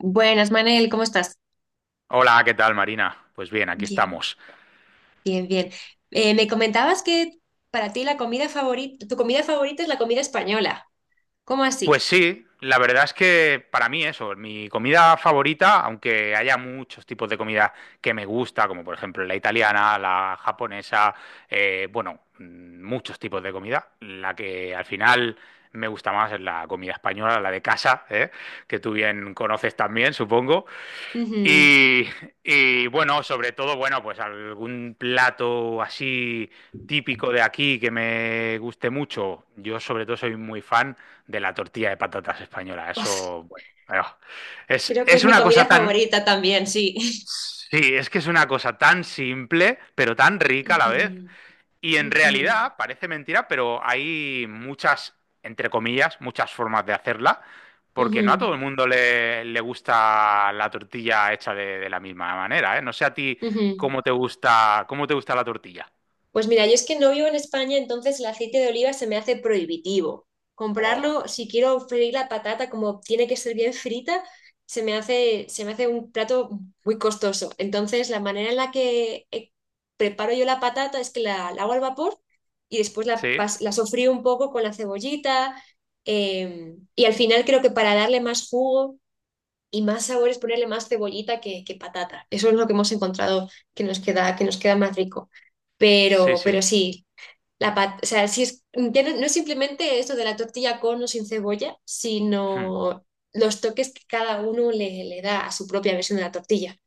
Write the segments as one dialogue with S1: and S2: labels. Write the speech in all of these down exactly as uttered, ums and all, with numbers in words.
S1: Buenas, Manel, ¿cómo estás?
S2: Hola, ¿qué tal, Marina? Pues bien, aquí
S1: Bien.
S2: estamos.
S1: Bien, bien. Eh, me comentabas que para ti la comida favorita, tu comida favorita es la comida española. ¿Cómo
S2: Pues
S1: así?
S2: sí, la verdad es que para mí eso, mi comida favorita, aunque haya muchos tipos de comida que me gusta, como por ejemplo la italiana, la japonesa, eh, bueno, mm, muchos tipos de comida, la que al final me gusta más es la comida española, la de casa, ¿eh? Que tú bien conoces también, supongo.
S1: Ujú.
S2: Y, y, bueno, sobre todo, bueno, pues algún plato así típico de aquí que me guste mucho. Yo sobre todo soy muy fan de la tortilla de patatas española.
S1: Uf,
S2: Eso, bueno, ah, es,
S1: creo que es
S2: es
S1: mi
S2: una cosa
S1: comida
S2: tan,
S1: favorita también, sí.
S2: sí, es que es una cosa tan simple, pero tan rica a la vez.
S1: Ujú,
S2: Y en
S1: ujú,
S2: realidad, parece mentira, pero hay muchas, entre comillas, muchas formas de hacerla, porque no a
S1: ujú,
S2: todo el mundo le, le gusta la tortilla hecha de, de la misma manera, ¿eh? No sé a ti
S1: ujú.
S2: cómo te gusta, cómo te gusta la tortilla.
S1: Pues mira, yo es que no vivo en España, entonces el aceite de oliva se me hace prohibitivo.
S2: Oh,
S1: Comprarlo, si quiero freír la patata como tiene que ser bien frita, se me hace, se me hace un plato muy costoso. Entonces, la manera en la que eh, preparo yo la patata es que la, la hago al vapor y después la,
S2: sí,
S1: pas- la sofrío un poco con la cebollita. em, y al final creo que para darle más jugo y más sabor es ponerle más cebollita que, que patata. Eso es lo que hemos encontrado que nos queda, que nos queda más rico.
S2: sí,
S1: Pero, pero
S2: sí.
S1: sí, la pat- o sea, sí es, ya no, no es simplemente esto de la tortilla con o sin cebolla,
S2: Hmm.
S1: sino los toques que cada uno le, le da a su propia versión de la tortilla.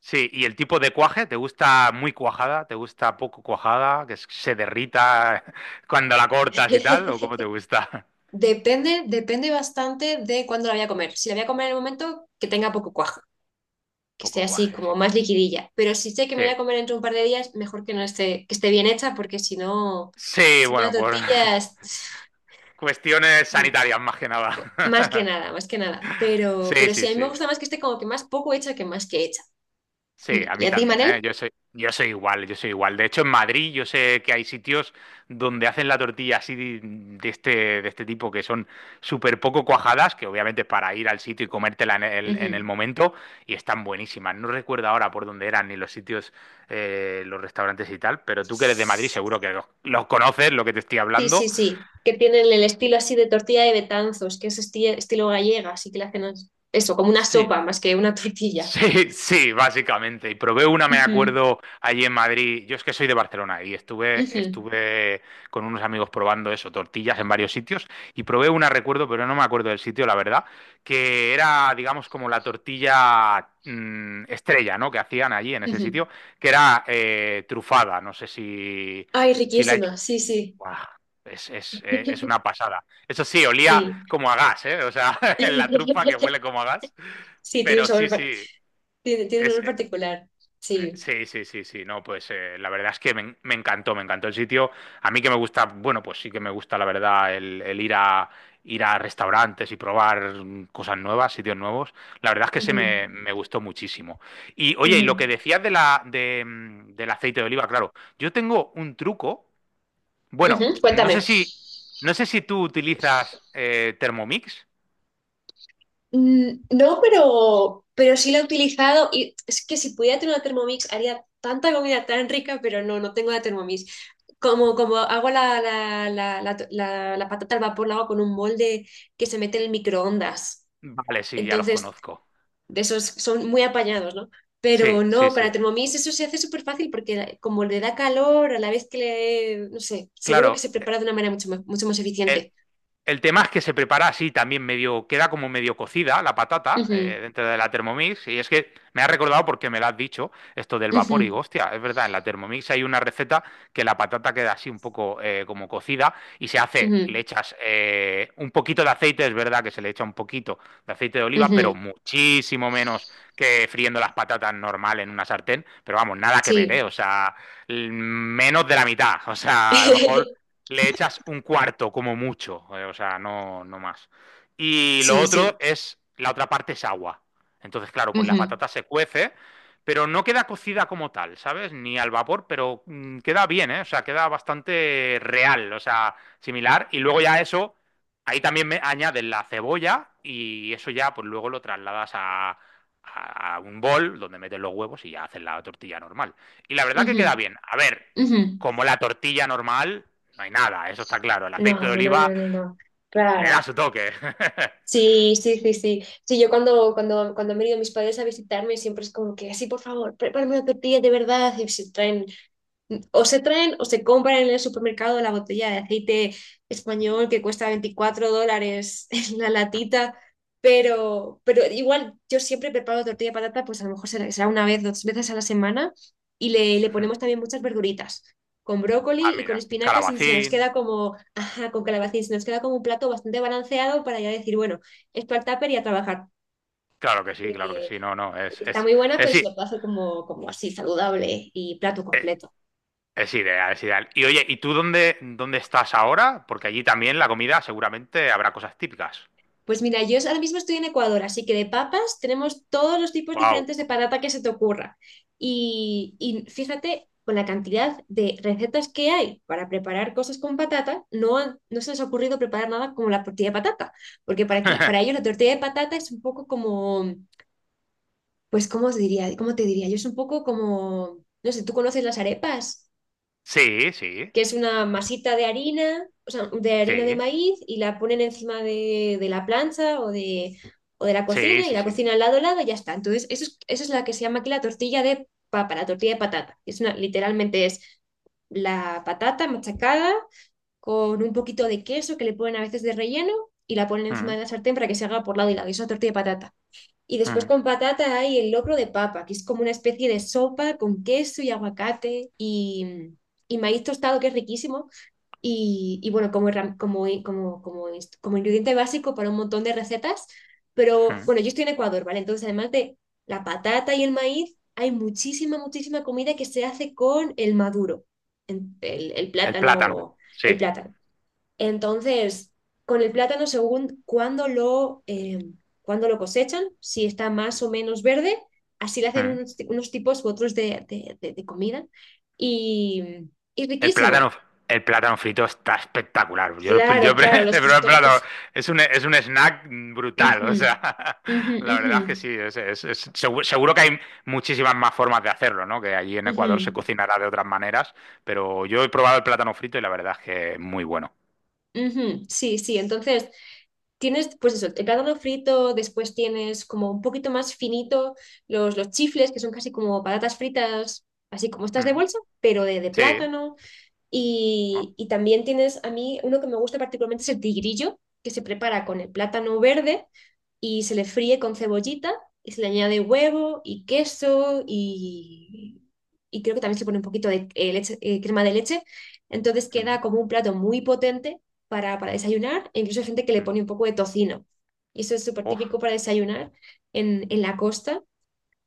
S2: Sí, y el tipo de cuaje, ¿te gusta muy cuajada? ¿Te gusta poco cuajada? ¿Que se derrita cuando la cortas y tal? ¿O cómo te gusta?
S1: Depende, depende bastante de cuándo la voy a comer. Si la voy a comer en el momento, que tenga poco cuajo, que esté
S2: Poco
S1: así
S2: cuaje, sí.
S1: como más liquidilla. Pero si sé que me
S2: Sí.
S1: voy a comer dentro de un par de días, mejor que no esté, que esté bien hecha, porque si no,
S2: Sí,
S1: si no
S2: bueno, por
S1: tortillas,
S2: cuestiones
S1: sí,
S2: sanitarias, más que
S1: más que
S2: nada.
S1: nada, más que nada. Pero,
S2: Sí,
S1: pero sí,
S2: sí,
S1: a mí me
S2: sí.
S1: gusta más que esté como que más poco hecha que más que hecha. Mm.
S2: Sí, a
S1: ¿Y
S2: mí
S1: a ti,
S2: también, ¿eh?
S1: Manel?
S2: Yo soy, yo soy igual, yo soy igual. De hecho, en Madrid yo sé que hay sitios donde hacen la tortilla así de de este, de este tipo que son súper poco cuajadas, que obviamente es para ir al sitio y comértela en el, en el
S1: Ujú.
S2: momento, y están buenísimas. No recuerdo ahora por dónde eran ni los sitios, eh, los restaurantes y tal, pero tú que eres de Madrid seguro que los, los conoces, lo que te estoy
S1: Sí, sí,
S2: hablando.
S1: sí. Que tienen el estilo así de tortilla de Betanzos, que es esti- estilo gallega, así que le hacen as- eso, como una
S2: Sí,
S1: sopa más que una tortilla.
S2: sí, sí, básicamente. Y probé una, me
S1: Ujú,
S2: acuerdo, allí en Madrid. Yo es que soy de Barcelona y estuve,
S1: ujú,
S2: estuve con unos amigos probando eso, tortillas en varios sitios. Y probé una, recuerdo, pero no me acuerdo del sitio, la verdad, que era, digamos, como la tortilla mm, estrella, ¿no? Que hacían allí en ese
S1: ujú.
S2: sitio, que era eh, trufada. No sé si,
S1: Ay,
S2: si la...
S1: riquísima, sí, sí.
S2: Buah, Es, es, eh, es una pasada. Eso sí, olía
S1: Sí.
S2: como a gas, ¿eh? O sea, la trufa que huele como a gas.
S1: Sí, tiene un
S2: Pero
S1: sabor,
S2: sí,
S1: par-
S2: sí.
S1: tiene, tiene un
S2: Es,
S1: sabor
S2: eh,
S1: particular.
S2: eh,
S1: Sí.
S2: sí, sí, sí, sí, no, pues eh, la verdad es que me, en- me encantó, me encantó el sitio. A mí que me gusta, bueno, pues sí que me gusta, la verdad, el, el ir a, ir a restaurantes y probar mm, cosas nuevas, sitios nuevos. La verdad es que se
S1: Ujú,
S2: me, me gustó muchísimo. Y oye, y lo que
S1: ujú,
S2: decías de la, de, mm, del aceite de oliva, claro, yo tengo un truco. Bueno,
S1: ujú.
S2: no sé
S1: Cuéntame.
S2: si, no sé si tú utilizas eh, Thermomix.
S1: Mm, no, pero, pero sí la he utilizado y es que si pudiera tener una Thermomix haría tanta comida tan rica, pero no, no tengo la Thermomix. Como, como hago la, la, la, la, la- la patata al vapor, la hago con un molde que se mete en el microondas.
S2: Vale, sí, ya los
S1: Entonces
S2: conozco.
S1: de esos son muy apañados, ¿no? Pero
S2: Sí, sí,
S1: no, con la
S2: sí.
S1: Thermomix eso se hace súper fácil porque como le da calor, a la vez que le, no sé, seguro que
S2: Claro,
S1: se prepara de una manera mucho más, mucho más
S2: el,
S1: eficiente.
S2: El tema es que se prepara así también medio, queda como medio cocida la patata
S1: Ujú,
S2: eh, dentro de la Thermomix. Y es que me ha recordado porque me lo has dicho, esto del vapor. Y
S1: ujú,
S2: digo, hostia, es verdad, en la Thermomix hay una receta que la patata queda así un poco eh, como cocida y se hace,
S1: ujú,
S2: le echas eh, un poquito de aceite, es verdad que se le echa un poquito de aceite de oliva, pero
S1: ujú,
S2: muchísimo menos que friendo las patatas normal en una sartén. Pero vamos, nada que ver, ¿eh?
S1: sí,
S2: O sea, l- menos de la mitad. O sea, a lo mejor le echas un cuarto como mucho, eh, o sea, no, no más. Y lo
S1: sí,
S2: otro
S1: sí.
S2: es, la otra parte es agua. Entonces, claro, pues la
S1: Ujú,
S2: patata se cuece, pero no queda cocida como tal, ¿sabes? Ni al vapor, pero mm, queda bien, ¿eh? O sea, queda bastante real, o sea, similar. Y luego ya eso, ahí también me añades la cebolla y eso ya, pues luego lo trasladas a, a un bol donde metes los huevos y ya haces la tortilla normal. Y la verdad que queda
S1: ujú,
S2: bien. A ver,
S1: ujú.
S2: como la tortilla normal, no hay nada, eso está claro. El
S1: No,
S2: aceite de
S1: no, no,
S2: oliva
S1: no, no.
S2: le da
S1: Claro.
S2: su toque.
S1: Sí, sí, sí, sí. Sí, yo cuando, cuando, cuando han venido mis padres a visitarme siempre es como que, sí, por favor, prepárame una tortilla de verdad. Y se traen O se traen o se compran en el supermercado la botella de aceite español que cuesta veinticuatro dólares en la latita, pero, pero igual yo siempre preparo tortilla de patata, pues a lo mejor será será una vez, dos veces a la semana y le, le ponemos también muchas verduritas, con
S2: Ah,
S1: brócoli y con
S2: mira,
S1: espinacas y se nos
S2: calabacín.
S1: queda como, ajá, con calabacín, se nos queda como un plato bastante balanceado para ya decir, bueno, esto al tupper y a trabajar,
S2: Claro que sí, claro que
S1: eh,
S2: sí. No, no, es,
S1: porque está
S2: es,
S1: muy buena, pero
S2: es,
S1: se
S2: es,
S1: lo puede hacer como, como así, saludable y plato completo.
S2: es ideal, es ideal. Y oye, ¿y tú dónde, dónde estás ahora? Porque allí también la comida seguramente habrá cosas típicas.
S1: Pues mira, yo ahora mismo estoy en Ecuador, así que de papas tenemos todos los tipos
S2: Wow.
S1: diferentes de patata que se te ocurra. Y, y fíjate, con la cantidad de recetas que hay para preparar cosas con patata, no, han- no se les ha ocurrido preparar nada como la tortilla de patata, porque para aquí, para ellos la tortilla de patata es un poco como, pues, ¿cómo os diría? ¿Cómo te diría? Yo es un poco como, no sé, ¿tú conoces las arepas?
S2: Sí, sí,
S1: Que es una masita de harina, o sea, de harina de
S2: sí,
S1: maíz y la ponen encima de, de la plancha o de, o de la
S2: sí,
S1: cocina y
S2: sí,
S1: la
S2: sí.
S1: cocina al lado al lado y ya está. Entonces, eso es, eso es la que se llama aquí la tortilla de papa, la tortilla de patata. Es una, literalmente es la patata machacada con un poquito de queso que le ponen a veces de relleno y la ponen encima
S2: Mm,
S1: de la sartén para que se haga por lado y lado. Y es una tortilla de patata. Y después
S2: mm,
S1: con patata hay el locro de papa, que es como una especie de sopa con queso y aguacate y, y maíz tostado, que es riquísimo. Y, y bueno, como, herram- como, como, como, inst- como ingrediente básico para un montón de recetas. Pero
S2: mm.
S1: bueno, yo estoy en Ecuador, ¿vale? Entonces, además de la patata y el maíz, hay muchísima, muchísima comida que se hace con el maduro, en- el, el
S2: El plátano,
S1: plátano, el
S2: sí.
S1: plátano. Entonces, con el plátano, según cuándo lo, eh, cuándo lo cosechan, si está más o menos verde, así le hacen
S2: Mm.
S1: unos, ti- unos tipos u otros de, de- de- de comida. Y, y
S2: El
S1: riquísimo.
S2: plátano, el plátano frito está espectacular. Yo, lo-
S1: Claro,
S2: yo
S1: claro,
S2: pre- he
S1: los
S2: probado el
S1: tostones. Uf,
S2: plátano. Es un, es un snack brutal.
S1: ujú,
S2: O sea,
S1: ujú,
S2: la
S1: ujú,
S2: verdad es que sí. es- es- es- segu- seguro, que hay muchísimas más formas de hacerlo, ¿no? Que allí en Ecuador
S1: ujú,
S2: se cocinará de otras maneras. Pero yo he probado el plátano frito y la verdad es que es muy bueno.
S1: ujú. Sí, sí, entonces tienes, pues eso, el plátano frito, después tienes como un poquito más finito los, los chifles, que son casi como patatas fritas, así como estas de
S2: Mm.
S1: bolsa, pero de, de
S2: Sí,
S1: plátano.
S2: ¿no?
S1: Y, y también tienes, a mí, uno que me gusta particularmente es el tigrillo, que se prepara con el plátano verde y se le fríe con cebollita y se le añade huevo y queso y, y creo que también se pone un poquito de eh, leche- eh, crema de leche. Entonces
S2: Mm,
S1: queda como un plato muy potente para, para desayunar e incluso hay gente que le
S2: mm.
S1: pone un poco de tocino. Y eso es súper
S2: Uf,
S1: típico para desayunar en, en la costa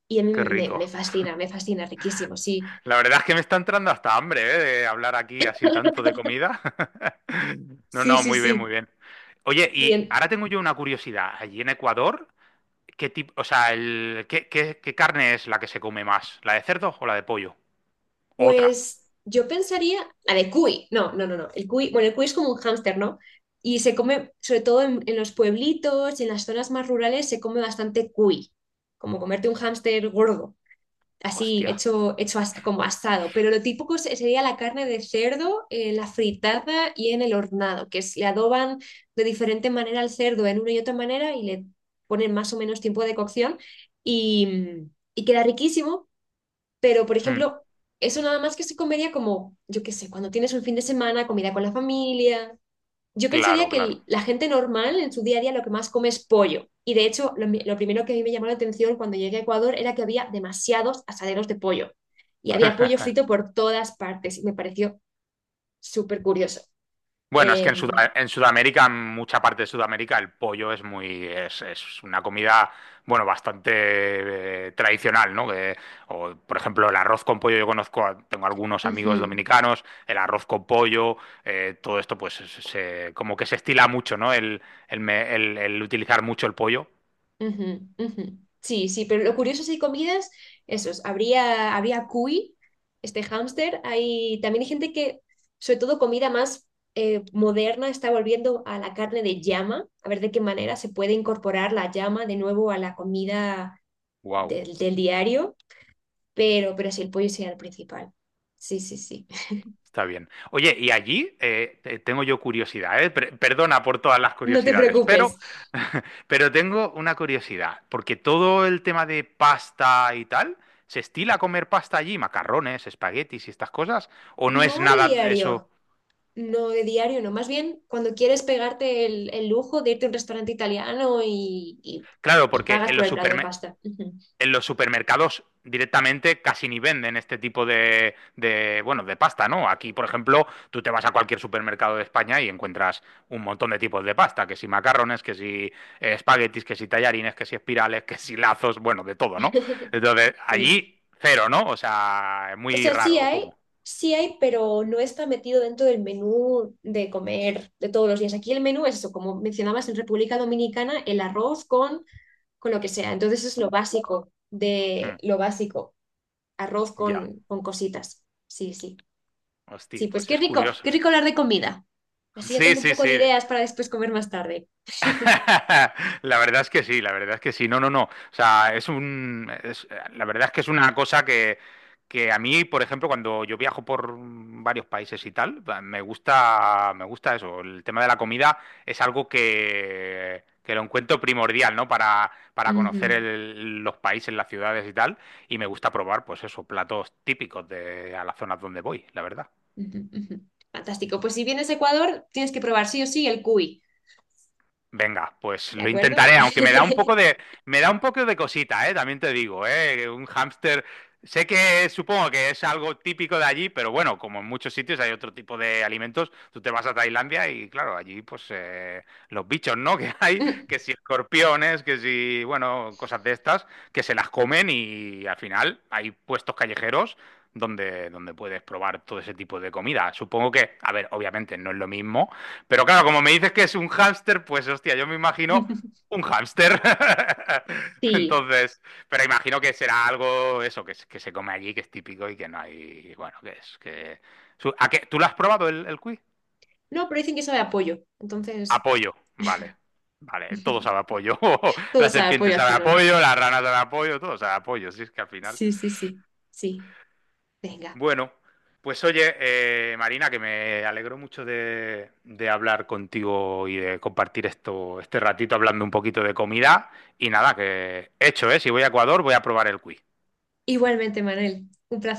S1: y a mí
S2: qué
S1: me,
S2: rico.
S1: me fascina, me fascina, riquísimo, sí.
S2: La verdad es que me está entrando hasta hambre, ¿eh? De hablar aquí así tanto de comida. No,
S1: Sí,
S2: no,
S1: sí,
S2: muy bien, muy
S1: sí.
S2: bien. Oye,
S1: Y
S2: y
S1: en-
S2: ahora tengo yo una curiosidad. Allí en Ecuador, ¿qué tipo, o sea, el, ¿qué, qué- qué carne es la que se come más? ¿La de cerdo o la de pollo? Otra.
S1: Pues yo pensaría, la de cuy, no, no, no, no, el cuy, bueno, el cuy es como un hámster, ¿no? Y se come, sobre todo en, en los pueblitos y en las zonas más rurales, se come bastante cuy, como comerte un hámster gordo, así
S2: Hostia.
S1: hecho, hecho as- como asado, pero lo típico se- sería la carne de cerdo, eh, la fritada y en el hornado, que es, le adoban de diferente manera al cerdo en una y otra manera y le ponen más o menos tiempo de cocción y, y queda riquísimo pero, por
S2: Mm,
S1: ejemplo, eso nada más que se comería como, yo qué sé, cuando tienes un fin de semana, comida con la familia. Yo pensaría
S2: claro,
S1: que
S2: claro.
S1: el- la gente normal en su día a día lo que más come es pollo. Y de hecho, lo, mi- lo primero que a mí me llamó la atención cuando llegué a Ecuador era que había demasiados asaderos de pollo. Y había pollo frito por todas partes. Y me pareció súper curioso.
S2: Bueno, es que en,
S1: Em,
S2: Suda- en Sudamérica, en mucha parte de Sudamérica, el pollo es muy, es, es una comida, bueno, bastante eh, tradicional, ¿no? Que- o, por ejemplo, el arroz con pollo, yo conozco, a- tengo algunos amigos
S1: ujú.
S2: dominicanos, el arroz con pollo, eh, todo esto, pues, se- se- como que se estila mucho, ¿no? El, el, me- el- el utilizar mucho el pollo.
S1: Ujú, ujú. Sí, sí, pero lo curioso si hay comidas, esos, habría, habría cuy, este hámster, hay también hay gente que, sobre todo comida más eh, moderna, está volviendo a la carne de llama, a ver de qué manera se puede incorporar la llama de nuevo a la comida
S2: Guau.
S1: del, del diario, pero, pero sí, el pollo sería el principal. Sí, sí, sí.
S2: Está bien. Oye, y allí eh, te- tengo yo curiosidad, ¿eh? Per- perdona por todas las
S1: No te
S2: curiosidades, pero,
S1: preocupes.
S2: pero tengo una curiosidad, porque todo el tema de pasta y tal, ¿se estila comer pasta allí? Macarrones, espaguetis y estas cosas, ¿o no es
S1: No de
S2: nada
S1: diario.
S2: eso?
S1: No, de diario no. Más bien, cuando quieres pegarte el, el lujo de irte a un restaurante italiano y, y-
S2: Claro,
S1: y
S2: porque
S1: pagas
S2: en
S1: por
S2: los
S1: el plato de
S2: supermercados
S1: pasta. Ujú.
S2: en los supermercados directamente casi ni venden este tipo de, de, bueno, de pasta, ¿no? Aquí, por ejemplo, tú te vas a cualquier supermercado de España y encuentras un montón de tipos de pasta, que si macarrones, que si eh, espaguetis, que si tallarines, que si espirales, que si lazos, bueno, de todo, ¿no? Entonces,
S1: Sí.
S2: allí cero, ¿no? O sea, es
S1: O
S2: muy
S1: sea, sí
S2: raro,
S1: hay,
S2: ¿cómo?
S1: sí hay, pero no está metido dentro del menú de comer de todos los días. Aquí el menú es eso, como mencionabas en República Dominicana, el arroz con, con lo que sea. Entonces es lo básico de
S2: Hmm,
S1: lo básico, arroz
S2: ya,
S1: con, con cositas. Sí, sí.
S2: hostia,
S1: Sí, pues
S2: pues
S1: qué
S2: es
S1: rico, qué
S2: curioso, ¿eh?
S1: rico hablar de comida. Así ya
S2: Sí,
S1: tengo un
S2: sí,
S1: poco de
S2: sí.
S1: ideas para después comer más tarde.
S2: La verdad es que sí, la verdad es que sí. No, no, no. O sea, es un. es- la verdad es que es una cosa que, que a mí, por ejemplo, cuando yo viajo por varios países y tal, me gusta, me gusta eso. El tema de la comida es algo que, que lo encuentro primordial, ¿no? Para, para conocer
S1: Ujú,
S2: el- los países, las ciudades y tal. Y me gusta probar, pues eso, platos típicos de a las zonas donde voy, la verdad.
S1: ujú, ujú. Fantástico. Pues si vienes a Ecuador, tienes que probar sí o sí el cuy,
S2: Venga, pues
S1: ¿de
S2: lo
S1: acuerdo?
S2: intentaré, aunque me da un poco de, me da un poco de cosita, ¿eh? También te digo, ¿eh? Un hámster, sé que supongo que es algo típico de allí, pero bueno, como en muchos sitios hay otro tipo de alimentos, tú te vas a Tailandia y claro, allí pues eh, los bichos, ¿no? Que hay, que si escorpiones, que si, bueno, cosas de estas, que se las comen y al final hay puestos callejeros donde, donde puedes probar todo ese tipo de comida. Supongo que, a ver, obviamente no es lo mismo, pero claro, como me dices que es un hámster, pues hostia, yo me imagino
S1: Mm.
S2: un hámster.
S1: Sí.
S2: Entonces, pero imagino que será algo eso, que, es- que se come allí, que es típico y que no hay, bueno, que es que... su- ¿A qué? ¿Tú lo has probado el, el cuy?
S1: No, pero dicen que sabe a pollo. Entonces,
S2: Apoyo, vale. Vale, todo sabe apoyo.
S1: todo
S2: La
S1: sabe a
S2: serpiente
S1: pollo al
S2: sabe
S1: final.
S2: apoyo, la rana sabe apoyo, todo sabe apoyo. Si es que al final...
S1: Sí, sí, sí. Sí. Venga.
S2: Bueno, pues oye, eh, Marina, que me alegro mucho de, de hablar contigo y de compartir esto, este ratito hablando un poquito de comida. Y nada, que hecho, ¿eh? Si voy a Ecuador, voy a probar el quiz.
S1: Igualmente, Manuel. Un placer.